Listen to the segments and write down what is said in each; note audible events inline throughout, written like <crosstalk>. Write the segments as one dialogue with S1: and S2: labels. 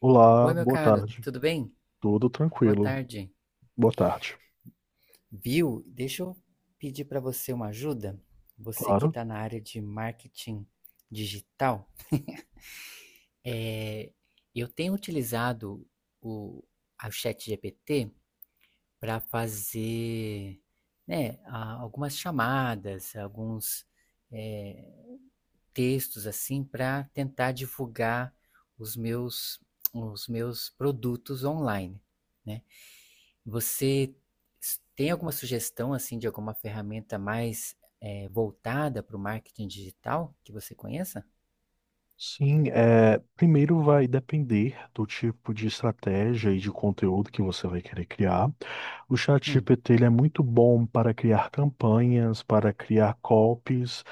S1: Olá,
S2: Oi, meu
S1: boa
S2: caro,
S1: tarde.
S2: tudo bem?
S1: Tudo
S2: Boa
S1: tranquilo?
S2: tarde.
S1: Boa tarde.
S2: Viu? Deixa eu pedir para você uma ajuda. Você que
S1: Claro.
S2: está na área de marketing digital, é, eu tenho utilizado o, a chat GPT para fazer, né, algumas chamadas, alguns é, textos assim para tentar divulgar os meus, os meus produtos online, né? Você tem alguma sugestão assim de alguma ferramenta mais voltada para o marketing digital que você conheça?
S1: Sim, é, primeiro vai depender do tipo de estratégia e de conteúdo que você vai querer criar. O
S2: Hum.
S1: ChatGPT ele é muito bom para criar campanhas, para criar copies.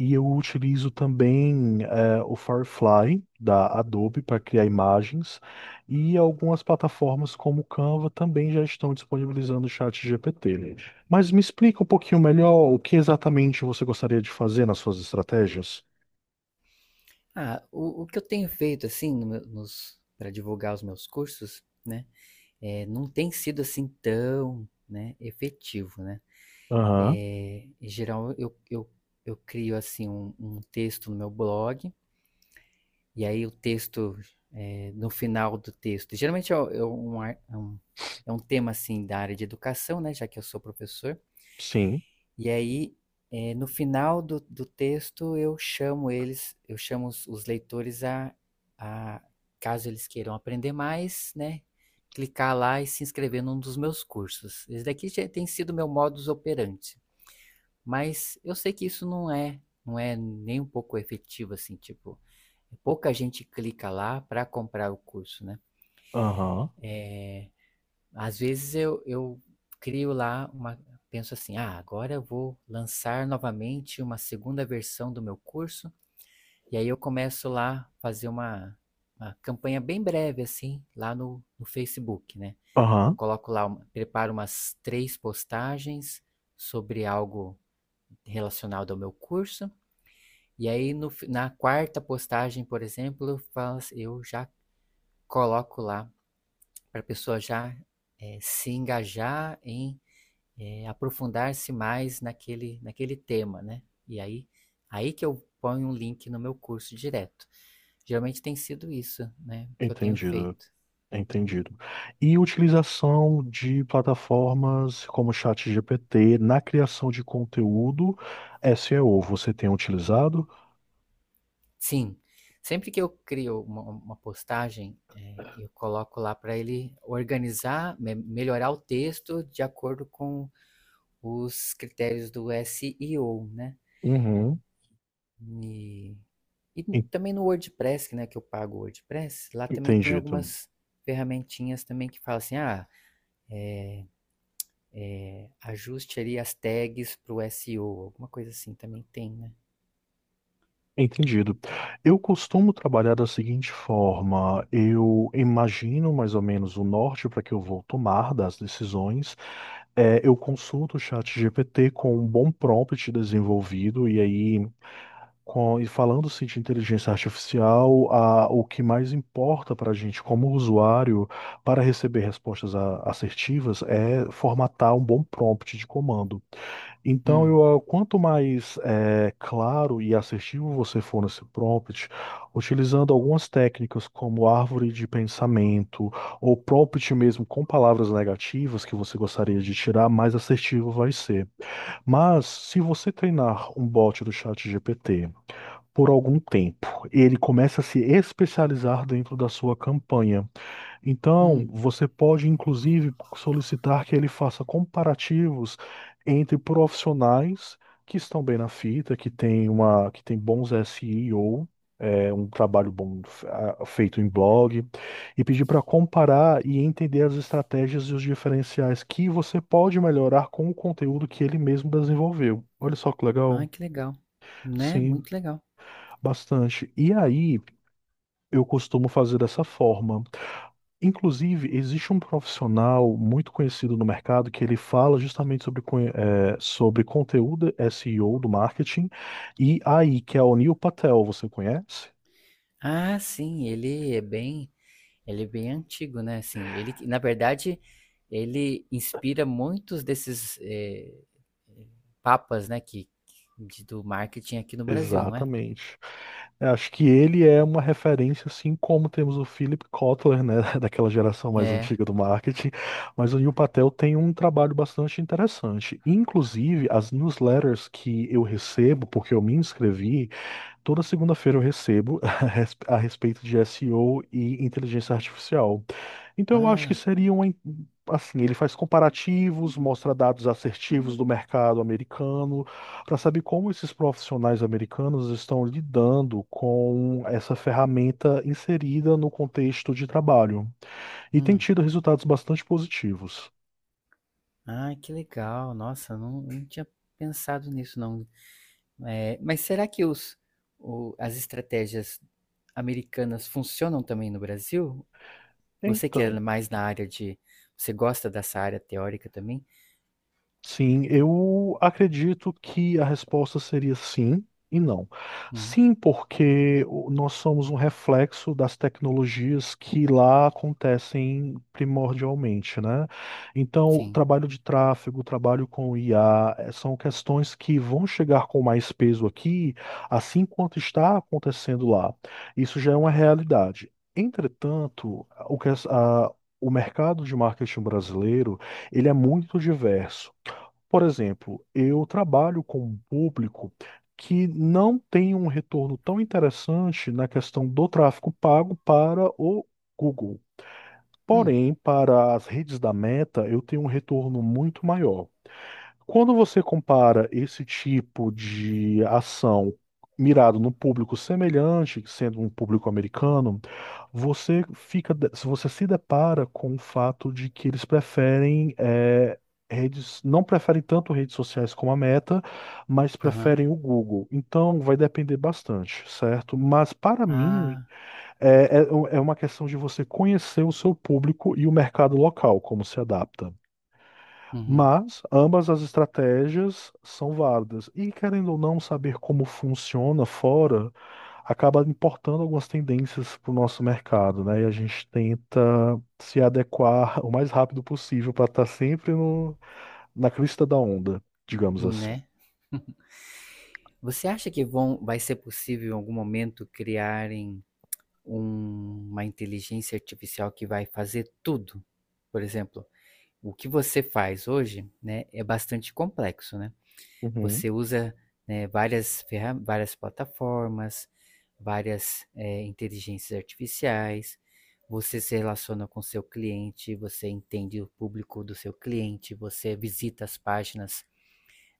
S1: E eu utilizo também o Firefly da Adobe para criar imagens e algumas plataformas como o Canva também já estão disponibilizando o chat GPT. Mas me explica um pouquinho melhor o que exatamente você gostaria de fazer nas suas estratégias?
S2: Ah, o que eu tenho feito assim no nos para divulgar os meus cursos, né, não tem sido assim tão, né, efetivo, né?
S1: Aham.
S2: Eh, em geral eu crio assim um texto no meu blog. E aí o texto, eh, no final do texto, geralmente é um, é um tema assim da área de educação, né, já que eu sou professor.
S1: Sim.
S2: E aí, eh, no final do, do texto, eu chamo eles, eu chamo os leitores a, caso eles queiram aprender mais, né, clicar lá e se inscrever num dos meus cursos. Esse daqui já tem sido meu modus operandi, mas eu sei que isso não é, não é nem um pouco efetivo, assim, tipo, pouca gente clica lá para comprar o curso, né?
S1: Aham,
S2: Às vezes eu crio lá uma. Penso assim, ah, agora eu vou lançar novamente uma segunda versão do meu curso. E aí eu começo lá a fazer uma campanha bem breve, assim, lá no, no Facebook, né? Eu
S1: aham,
S2: coloco lá, preparo umas três postagens sobre algo relacionado ao meu curso. E aí, no na quarta postagem, por exemplo, eu já coloco lá para a pessoa já se engajar em aprofundar-se mais naquele tema, né? E aí, aí que eu ponho um link no meu curso direto. Geralmente tem sido isso, né, que eu tenho
S1: entendido,
S2: feito.
S1: entendido. E utilização de plataformas como o chat GPT na criação de conteúdo S E o você tem utilizado?
S2: Sim, sempre que eu crio uma postagem, eu coloco lá para ele organizar, melhorar o texto de acordo com os critérios do SEO, né?
S1: Uhum.
S2: E, e
S1: en-
S2: também no WordPress, né, que eu pago o WordPress, lá também tem
S1: Entendido.
S2: algumas ferramentinhas também que falam assim, ah, ajuste ali as tags pro SEO, alguma coisa assim também tem, né?
S1: Entendido. Eu costumo trabalhar da seguinte forma: eu imagino mais ou menos o norte para que eu vou tomar das decisões. É, eu consulto o chat GPT com um bom prompt desenvolvido, e aí, com, e falando-se de inteligência artificial, o que mais importa para a gente como usuário para receber respostas assertivas é formatar um bom prompt de comando. Então,
S2: Hum,
S1: eu, quanto mais claro e assertivo você for nesse prompt, utilizando algumas técnicas como árvore de pensamento ou prompt mesmo com palavras negativas que você gostaria de tirar, mais assertivo vai ser. Mas, se você treinar um bot do chat GPT por algum tempo, ele começa a se especializar dentro da sua campanha. Então,
S2: hum,
S1: você pode inclusive solicitar que ele faça comparativos entre profissionais que estão bem na fita, que têm uma, que têm bons SEO, é, um trabalho bom feito em blog, e pedir para comparar e entender as estratégias e os diferenciais que você pode melhorar com o conteúdo que ele mesmo desenvolveu. Olha só que legal.
S2: ai que legal, né?
S1: Sim,
S2: Muito legal.
S1: bastante. E aí, eu costumo fazer dessa forma. Inclusive, existe um profissional muito conhecido no mercado que ele fala justamente sobre, sobre conteúdo SEO do marketing e AI, que é o Neil Patel, você conhece?
S2: Ah, sim, ele é bem antigo, né? Assim, na verdade, ele inspira muitos desses papas, né, do marketing aqui no Brasil, não é?
S1: Exatamente. Eu acho que ele é uma referência, assim como temos o Philip Kotler, né, <laughs> daquela geração mais
S2: É.
S1: antiga do marketing, mas o Neil Patel tem um trabalho bastante interessante. Inclusive, as newsletters que eu recebo, porque eu me inscrevi, toda segunda-feira eu recebo <laughs> a respeito de SEO e O e inteligência artificial. Então eu acho que
S2: Ah,
S1: seria uma, assim, ele faz comparativos, mostra dados assertivos do mercado americano, para saber como esses profissionais americanos estão lidando com essa ferramenta inserida no contexto de trabalho. E tem
S2: hum.
S1: tido resultados bastante positivos.
S2: Ah, que legal. Nossa, eu não, não tinha pensado nisso, não. É, mas será que as estratégias americanas funcionam também no Brasil? Você que é
S1: Então,
S2: mais na área de. Você gosta dessa área teórica também?
S1: sim, eu acredito que a resposta seria sim e não.
S2: Hum,
S1: Sim, porque nós somos um reflexo das tecnologias que lá acontecem primordialmente, né? Então, o
S2: sim.
S1: trabalho de tráfego, o trabalho com IA, são questões que vão chegar com mais peso aqui, assim quanto está acontecendo lá. Isso já é uma realidade. Entretanto, o que o mercado de marketing brasileiro ele é muito diverso. Por exemplo, eu trabalho com um público que não tem um retorno tão interessante na questão do tráfego pago para o Google.
S2: Hum,
S1: Porém, para as redes da Meta, eu tenho um retorno muito maior. Quando você compara esse tipo de ação mirado num público semelhante, sendo um público americano, você fica, se você se depara com o fato de que eles preferem é, redes, não preferem tanto redes sociais como a Meta, mas
S2: aham.
S1: preferem o Google. Então vai depender bastante, certo? Mas para mim
S2: Ah,
S1: é, é é uma questão de você conhecer o seu público e o mercado local, como se adapta.
S2: uhum.
S1: Mas ambas as estratégias são válidas. E querendo ou não saber como funciona fora, acaba importando algumas tendências para o nosso mercado, né? E a gente tenta se adequar o mais rápido possível para estar sempre no, na crista da onda, digamos assim.
S2: Né? <laughs> Você acha que vai ser possível em algum momento criarem uma inteligência artificial que vai fazer tudo? Por exemplo, o que você faz hoje, né, é bastante complexo, né?
S1: Uhum.
S2: Você usa, né, várias plataformas, várias, eh, inteligências artificiais, você se relaciona com seu cliente, você entende o público do seu cliente, você visita as páginas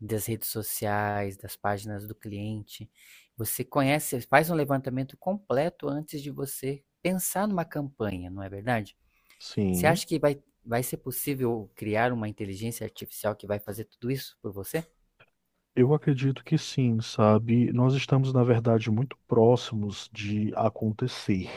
S2: das redes sociais, das páginas do cliente. Você conhece, faz um levantamento completo antes de você pensar numa campanha, não é verdade? Você
S1: Sim,
S2: acha que vai ser possível criar uma inteligência artificial que vai fazer tudo isso por você?
S1: eu acredito que sim, sabe? Nós estamos, na verdade, muito próximos de acontecer.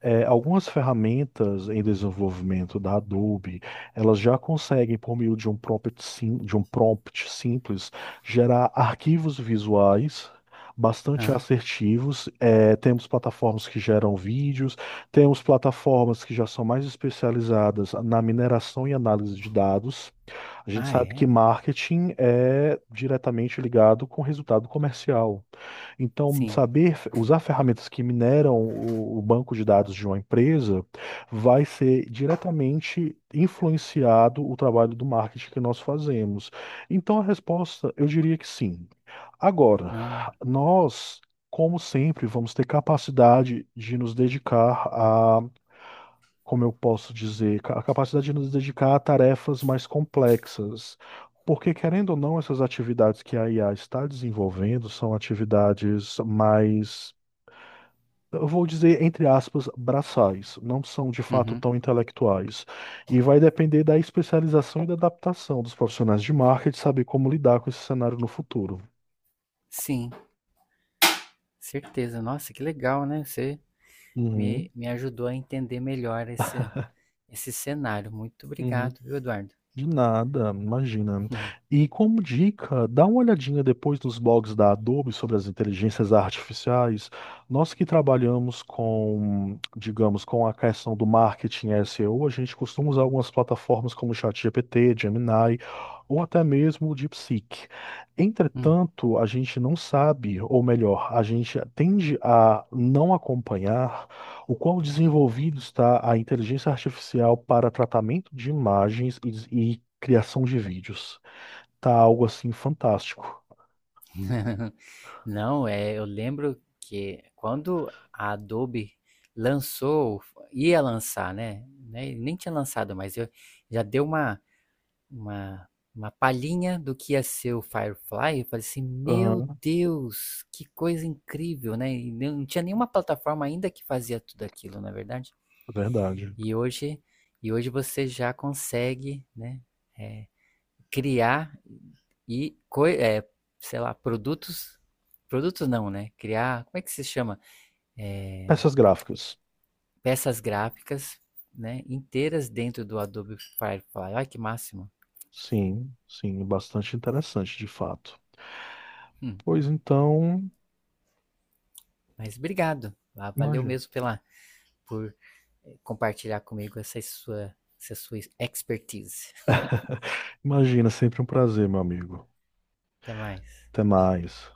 S1: É, algumas ferramentas em desenvolvimento da Adobe, elas já conseguem, por meio de um prompt, de um prompt simples, gerar arquivos visuais bastante
S2: Ah,
S1: assertivos. É, temos plataformas que geram vídeos, temos plataformas que já são mais especializadas na mineração e análise de dados. A gente
S2: ah,
S1: sabe que
S2: é?
S1: marketing é diretamente ligado com resultado comercial. Então,
S2: Sim.
S1: saber usar ferramentas que mineram o banco de dados de uma empresa vai ser diretamente influenciado o trabalho do marketing que nós fazemos. Então, a resposta, eu diria que sim. Agora,
S2: Ah,
S1: nós, como sempre, vamos ter capacidade de nos dedicar como eu posso dizer, a capacidade de nos dedicar a tarefas mais complexas. Porque, querendo ou não, essas atividades que a IA está desenvolvendo são atividades mais, eu vou dizer, entre aspas, braçais, não são de fato
S2: uhum.
S1: tão intelectuais. E vai depender da especialização e da adaptação dos profissionais de marketing saber como lidar com esse cenário no futuro.
S2: Sim, certeza. Nossa, que legal, né? Você
S1: Uhum,
S2: me ajudou a entender melhor esse cenário. Muito
S1: uhum.
S2: obrigado, viu, Eduardo?
S1: De nada, imagina.
S2: <laughs>
S1: E como dica, dá uma olhadinha depois nos blogs da Adobe sobre as inteligências artificiais. Nós que trabalhamos com, digamos, com a questão do marketing SEO, a gente costuma usar algumas plataformas como ChatGPT, Gemini ou até mesmo o DeepSeek.
S2: Hum.
S1: Entretanto, a gente não sabe, ou melhor, a gente tende a não acompanhar o qual desenvolvido está a inteligência artificial para tratamento de imagens e criação de vídeos. Tá algo assim fantástico.
S2: <laughs> Não, é, eu lembro que quando a Adobe lançou, ia lançar, né? Nem tinha lançado, mas eu já deu uma, uma palhinha do que ia ser o Firefly, eu falei assim, meu
S1: Aham,
S2: Deus, que coisa incrível, né? E não tinha nenhuma plataforma ainda que fazia tudo aquilo, na verdade.
S1: é verdade.
S2: E hoje, e hoje você já consegue, né, é, criar e, co é, sei lá, produtos não, né? Criar, como é que se chama?
S1: Peças gráficas.
S2: Peças gráficas, né, inteiras dentro do Adobe Firefly. Olha que máximo.
S1: Sim, sim, bastante interessante, de fato.
S2: Hum,
S1: Pois então,
S2: mas obrigado. Ah, valeu
S1: imagina.
S2: mesmo pela por compartilhar comigo essa sua expertise.
S1: Imagina, sempre um prazer, meu amigo.
S2: Até mais.
S1: Até mais.